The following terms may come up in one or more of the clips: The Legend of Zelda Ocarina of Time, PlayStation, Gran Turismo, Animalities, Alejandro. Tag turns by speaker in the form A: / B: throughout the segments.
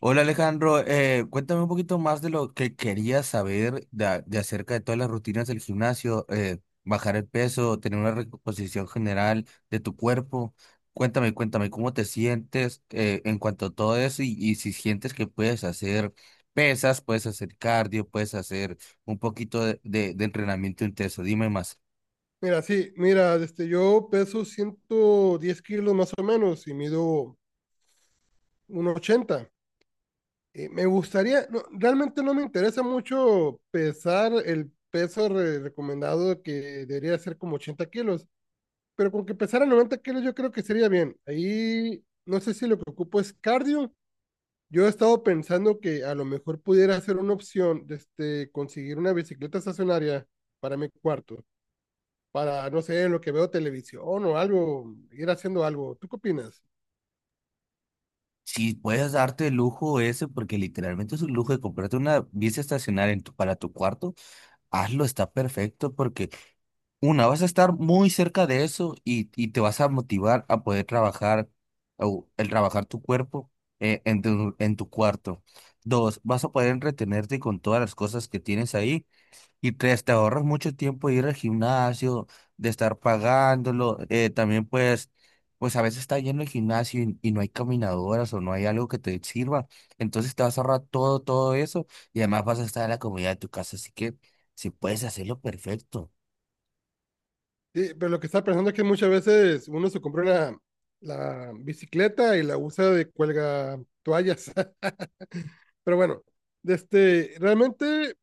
A: Hola Alejandro, cuéntame un poquito más de lo que querías saber de acerca de todas las rutinas del gimnasio, bajar el peso, tener una recomposición general de tu cuerpo. Cuéntame, cuéntame cómo te sientes en cuanto a todo eso y si sientes que puedes hacer pesas, puedes hacer cardio, puedes hacer un poquito de entrenamiento intenso. Dime más.
B: Mira, sí, mira, este, yo peso 110 kilos más o menos y mido 1,80. Me gustaría, no, realmente no me interesa mucho pesar el peso recomendado que debería ser como 80 kilos, pero con que pesara 90 kilos yo creo que sería bien. Ahí no sé si lo que ocupo es cardio. Yo he estado pensando que a lo mejor pudiera ser una opción, este, conseguir una bicicleta estacionaria para mi cuarto, para, no sé, en lo que veo televisión o algo, ir haciendo algo. ¿Tú qué opinas?
A: Si puedes darte el lujo ese, porque literalmente es un lujo de comprarte una bici estacionaria para tu cuarto. Hazlo, está perfecto porque una, vas a estar muy cerca de eso y te vas a motivar a poder trabajar o el trabajar tu cuerpo en tu cuarto. Dos, vas a poder entretenerte con todas las cosas que tienes ahí. Y tres, te ahorras mucho tiempo de ir al gimnasio, de estar pagándolo. También pues, pues a veces está lleno el gimnasio y no hay caminadoras o no hay algo que te sirva. Entonces te vas a ahorrar todo eso y además vas a estar en la comodidad de tu casa. Así que si puedes hacerlo, perfecto.
B: Sí, pero lo que estaba pensando es que muchas veces uno se compra una, la bicicleta y la usa de cuelga toallas. Pero bueno, de este, realmente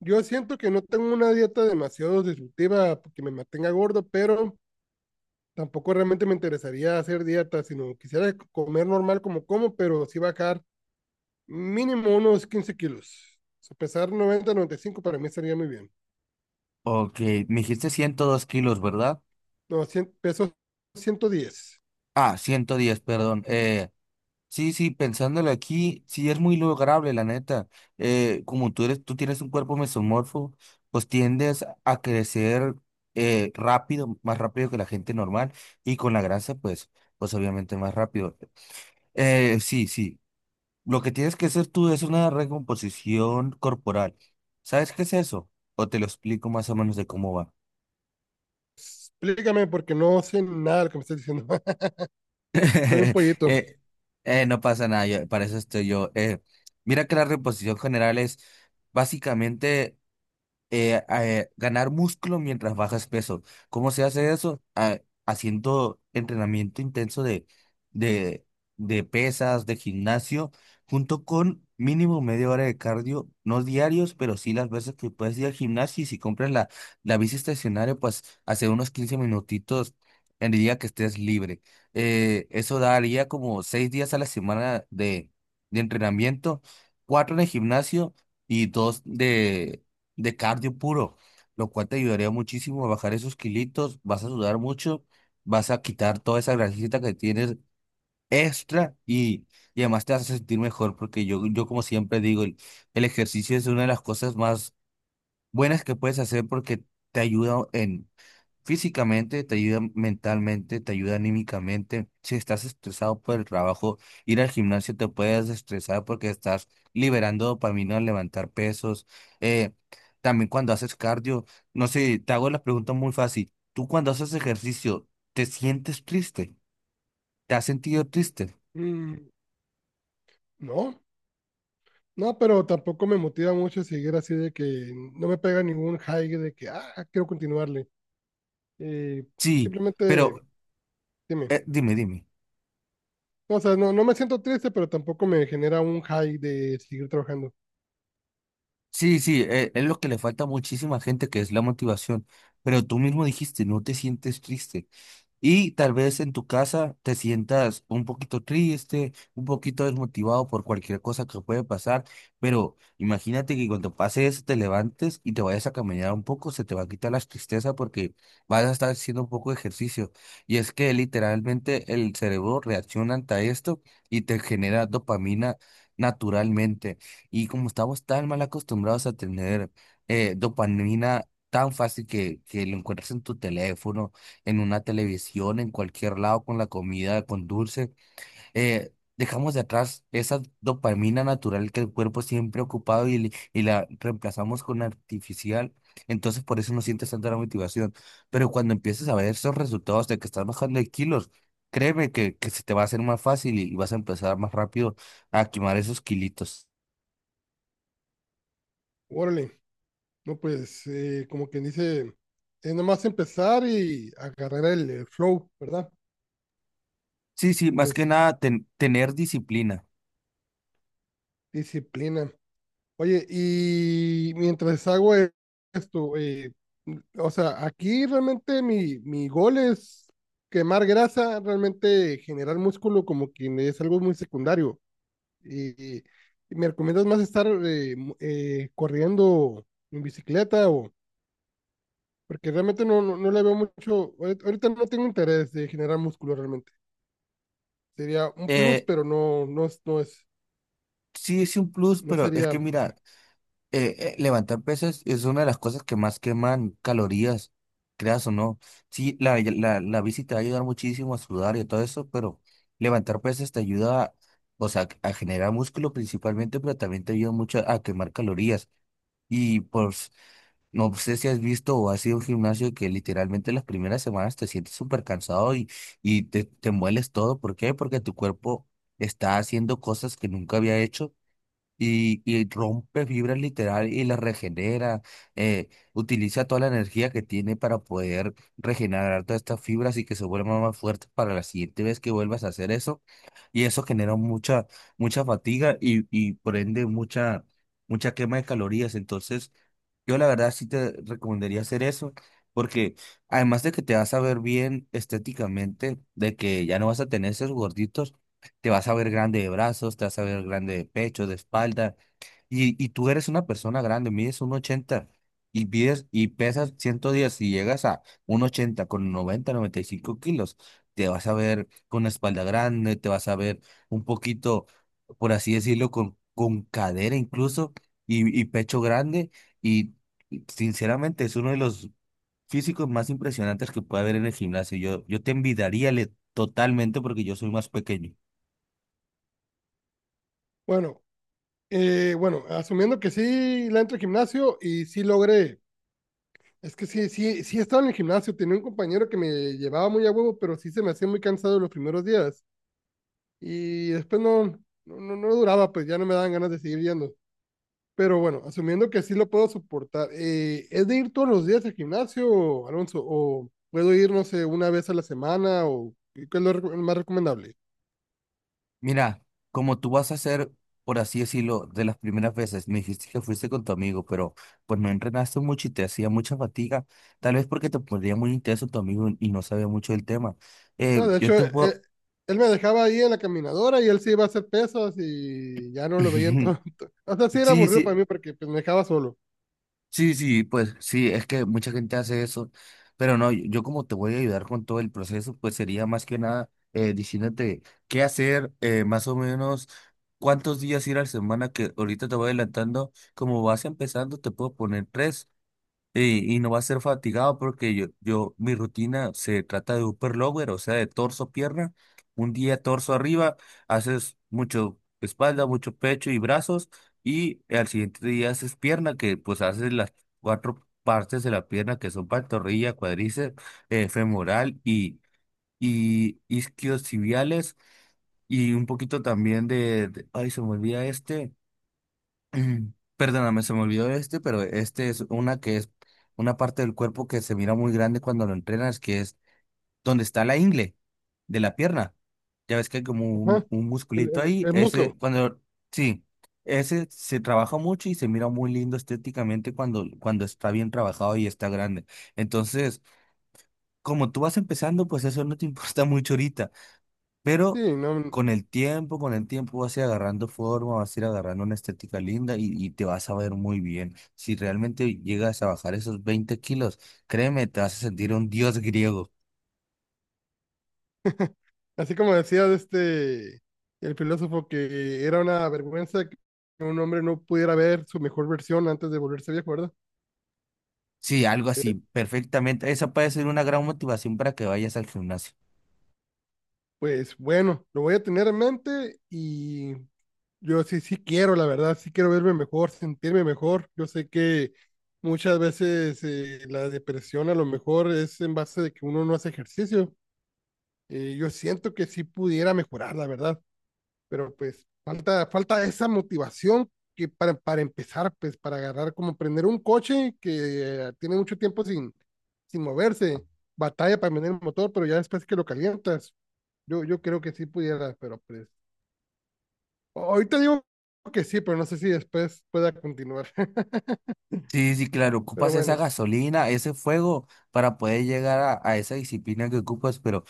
B: yo siento que no tengo una dieta demasiado disruptiva que me mantenga gordo, pero tampoco realmente me interesaría hacer dieta, sino quisiera comer normal como, pero sí bajar mínimo unos 15 kilos. O sea, pesar 90, 95 para mí estaría muy bien.
A: Ok, me dijiste 102 kilos, ¿verdad?
B: No, 100 pesos, 110.
A: Ah, 110, perdón. Sí, sí, pensándolo aquí, sí es muy lograble, la neta. Como tú tienes un cuerpo mesomorfo, pues tiendes a crecer rápido, más rápido que la gente normal, y con la grasa, pues, pues obviamente más rápido. Sí, sí. Lo que tienes que hacer tú es una recomposición corporal. ¿Sabes qué es eso? O te lo explico más o menos de cómo va.
B: Explícame porque no sé nada de lo que me estás diciendo. Soy un pollito.
A: Eh, no pasa nada, para eso estoy yo. Mira que la reposición general es básicamente ganar músculo mientras bajas peso. ¿Cómo se hace eso? Ah, haciendo entrenamiento intenso de, de pesas, de gimnasio, junto con mínimo media hora de cardio, no diarios, pero sí las veces que puedes ir al gimnasio y si compras la bici estacionaria, pues hace unos 15 minutitos en el día que estés libre. Eso daría como 6 días a la semana de entrenamiento, cuatro en el gimnasio y dos de cardio puro, lo cual te ayudaría muchísimo a bajar esos kilitos, vas a sudar mucho, vas a quitar toda esa grasita que tienes extra y además te vas a sentir mejor porque yo como siempre digo, el ejercicio es una de las cosas más buenas que puedes hacer porque te ayuda en físicamente, te ayuda mentalmente, te ayuda anímicamente. Si estás estresado por el trabajo, ir al gimnasio te puedes estresar porque estás liberando dopamina al levantar pesos. Eh, También cuando haces cardio, no sé, te hago la pregunta muy fácil. ¿Tú cuando haces ejercicio, te sientes triste? ¿Te has sentido triste?
B: Mm, no, no, pero tampoco me motiva mucho seguir así de que no me pega ningún high de que, ah, quiero continuarle. Eh,
A: Sí, pero
B: simplemente, dime.
A: dime.
B: No, o sea, no, no me siento triste, pero tampoco me genera un high de seguir trabajando.
A: Sí, sí, es lo que le falta a muchísima gente, que es la motivación. Pero tú mismo dijiste, no te sientes triste. Y tal vez en tu casa te sientas un poquito triste, un poquito desmotivado por cualquier cosa que puede pasar, pero imagínate que cuando pase eso te levantes y te vayas a caminar un poco, se te va a quitar la tristeza porque vas a estar haciendo un poco de ejercicio. Y es que literalmente el cerebro reacciona ante esto y te genera dopamina naturalmente. Y como estamos tan mal acostumbrados a tener dopamina tan fácil que lo encuentras en tu teléfono, en una televisión, en cualquier lado, con la comida, con dulce. Dejamos de atrás esa dopamina natural que el cuerpo siempre ha ocupado y, y la reemplazamos con artificial. Entonces por eso no sientes tanta la motivación. Pero cuando empieces a ver esos resultados de que estás bajando de kilos, créeme que se te va a hacer más fácil y vas a empezar más rápido a quemar esos kilitos.
B: Órale, no, pues, como quien dice, es nomás empezar y agarrar el flow, ¿verdad?
A: Sí, sí,
B: Me-
A: más que
B: s-
A: nada tener disciplina.
B: Disciplina. Oye, y mientras hago esto, o sea, aquí realmente mi gol es quemar grasa, realmente generar músculo como que es algo muy secundario. Y, y me recomiendas más estar corriendo en bicicleta o porque realmente no, no, no le veo mucho, ahorita no tengo interés de generar músculo realmente. Sería un plus,
A: Eh,
B: pero no, no, no es,
A: sí es un plus,
B: no
A: pero es
B: sería,
A: que
B: sí.
A: mira, levantar pesas es una de las cosas que más queman calorías, creas o no. Sí, la bici te va a ayudar muchísimo a sudar y a todo eso, pero levantar pesas te ayuda, o sea, a generar músculo principalmente, pero también te ayuda mucho a quemar calorías. Y pues, no sé si has visto o has ido a un gimnasio que literalmente las primeras semanas te sientes súper cansado y, te mueles todo. ¿Por qué? Porque tu cuerpo está haciendo cosas que nunca había hecho y rompe fibras literal y las regenera, utiliza toda la energía que tiene para poder regenerar todas estas fibras y que se vuelvan más fuertes para la siguiente vez que vuelvas a hacer eso. Y eso genera mucha, mucha fatiga y por ende mucha, mucha quema de calorías. Entonces, yo la verdad sí te recomendaría hacer eso. Porque además de que te vas a ver bien estéticamente, de que ya no vas a tener esos gorditos, te vas a ver grande de brazos, te vas a ver grande de pecho, de espalda, y tú eres una persona grande, mides un ochenta y, y pesas 110 y llegas a un ochenta con 90 90 y 5 kilos, te vas a ver con la espalda grande, te vas a ver un poquito, por así decirlo, con cadera incluso y pecho grande. Y sinceramente es uno de los físicos más impresionantes que puede haber en el gimnasio. Yo te envidiaría totalmente porque yo soy más pequeño.
B: Bueno, bueno, asumiendo que sí la entro al gimnasio y sí logré. Es que sí estaba en el gimnasio. Tenía un compañero que me llevaba muy a huevo, pero sí se me hacía muy cansado los primeros días. Y después no duraba, pues ya no me daban ganas de seguir yendo. Pero bueno, asumiendo que sí lo puedo soportar. ¿Es de ir todos los días al gimnasio, Alonso? ¿O puedo ir, no sé, una vez a la semana? ¿O qué es lo más recomendable?
A: Mira, como tú vas a hacer, por así decirlo, de las primeras veces, me dijiste que fuiste con tu amigo, pero pues no entrenaste mucho y te hacía mucha fatiga, tal vez porque te ponía muy intenso tu amigo y no sabía mucho del tema.
B: No, de
A: Yo
B: hecho,
A: te puedo...
B: eh, él me dejaba ahí en la caminadora y él sí iba a hacer pesas y ya no lo veían tanto. O sea, sí era
A: Sí,
B: aburrido
A: sí,
B: para mí porque pues me dejaba solo.
A: sí, sí, pues sí, es que mucha gente hace eso, pero no, yo como te voy a ayudar con todo el proceso, pues sería más que nada diciéndote qué hacer, más o menos cuántos días ir a la semana, que ahorita te voy adelantando, como vas empezando, te puedo poner tres, y no va a ser fatigado porque yo, mi rutina se trata de upper lower, o sea, de torso, pierna. Un día torso arriba, haces mucho espalda, mucho pecho y brazos. Y al siguiente día haces pierna, que pues haces las cuatro partes de la pierna que son pantorrilla, cuádriceps, femoral y isquiotibiales. Y un poquito también ay, se me olvida este. Mm, perdóname, se me olvidó este, pero este es una que es una parte del cuerpo que se mira muy grande cuando lo entrenas, que es donde está la ingle de la pierna. Ya ves que hay como
B: Ajá.
A: un
B: El,
A: musculito ahí.
B: el muslo.
A: Ese, cuando, sí, ese se trabaja mucho y se mira muy lindo estéticamente cuando, cuando está bien trabajado y está grande. Entonces, como tú vas empezando, pues eso no te importa mucho ahorita. Pero
B: Sí, no.
A: con el tiempo vas a ir agarrando forma, vas a ir agarrando una estética linda y te vas a ver muy bien. Si realmente llegas a bajar esos 20 kilos, créeme, te vas a sentir un dios griego.
B: Así como decía de este, el filósofo que era una vergüenza que un hombre no pudiera ver su mejor versión antes de volverse viejo, ¿verdad?
A: Sí, algo así, perfectamente. Esa puede ser una gran motivación para que vayas al gimnasio.
B: Pues bueno, lo voy a tener en mente y yo sí quiero, la verdad, sí quiero verme mejor, sentirme mejor. Yo sé que muchas veces la depresión a lo mejor es en base de que uno no hace ejercicio. Yo siento que sí pudiera mejorar, la verdad, pero pues falta esa motivación que para empezar, pues para agarrar, como prender un coche que tiene mucho tiempo sin moverse, batalla para prender el motor, pero ya después que lo calientas, yo creo que sí pudiera, pero pues ahorita digo que sí, pero no sé si después pueda continuar.
A: Sí, sí, claro,
B: Pero
A: ocupas esa
B: bueno,
A: gasolina, ese fuego para poder llegar a esa disciplina que ocupas, pero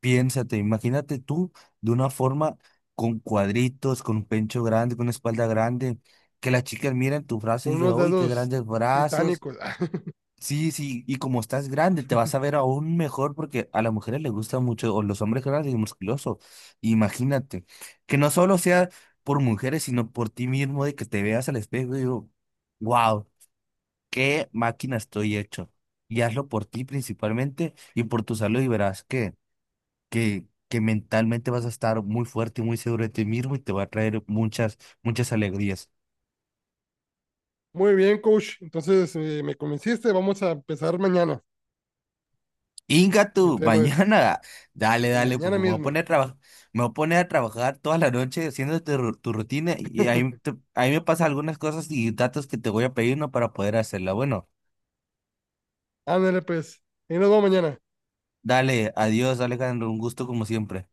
A: piénsate, imagínate tú de una forma con cuadritos, con un pecho grande, con una espalda grande, que las chicas miren tus brazos y
B: con
A: digan,
B: unos
A: uy, qué
B: dedos
A: grandes brazos.
B: titánicos.
A: Sí, sí, y como estás grande, te vas a ver aún mejor porque a las mujeres les gusta mucho, o los hombres grandes y musculosos. Imagínate, que no solo sea por mujeres, sino por ti mismo, de que te veas al espejo y digo, wow, qué máquina estoy hecho. Y hazlo por ti principalmente y por tu salud y verás que que mentalmente vas a estar muy fuerte y muy seguro de ti mismo y te va a traer muchas, muchas alegrías.
B: Muy bien, coach. Entonces me convenciste, vamos a empezar mañana.
A: Inga tú,
B: Ahorita, ya me-
A: mañana, dale, dale, pues
B: Mañana
A: pues, me voy a
B: mismo.
A: poner a trabajar, me voy a poner a trabajar toda la noche haciendo tu, tu rutina y ahí, ahí me pasan algunas cosas y datos que te voy a pedir, ¿no? Para poder hacerla. Bueno,
B: Ándale, pues. Y nos vemos mañana.
A: dale, adiós, Alejandro, un gusto como siempre.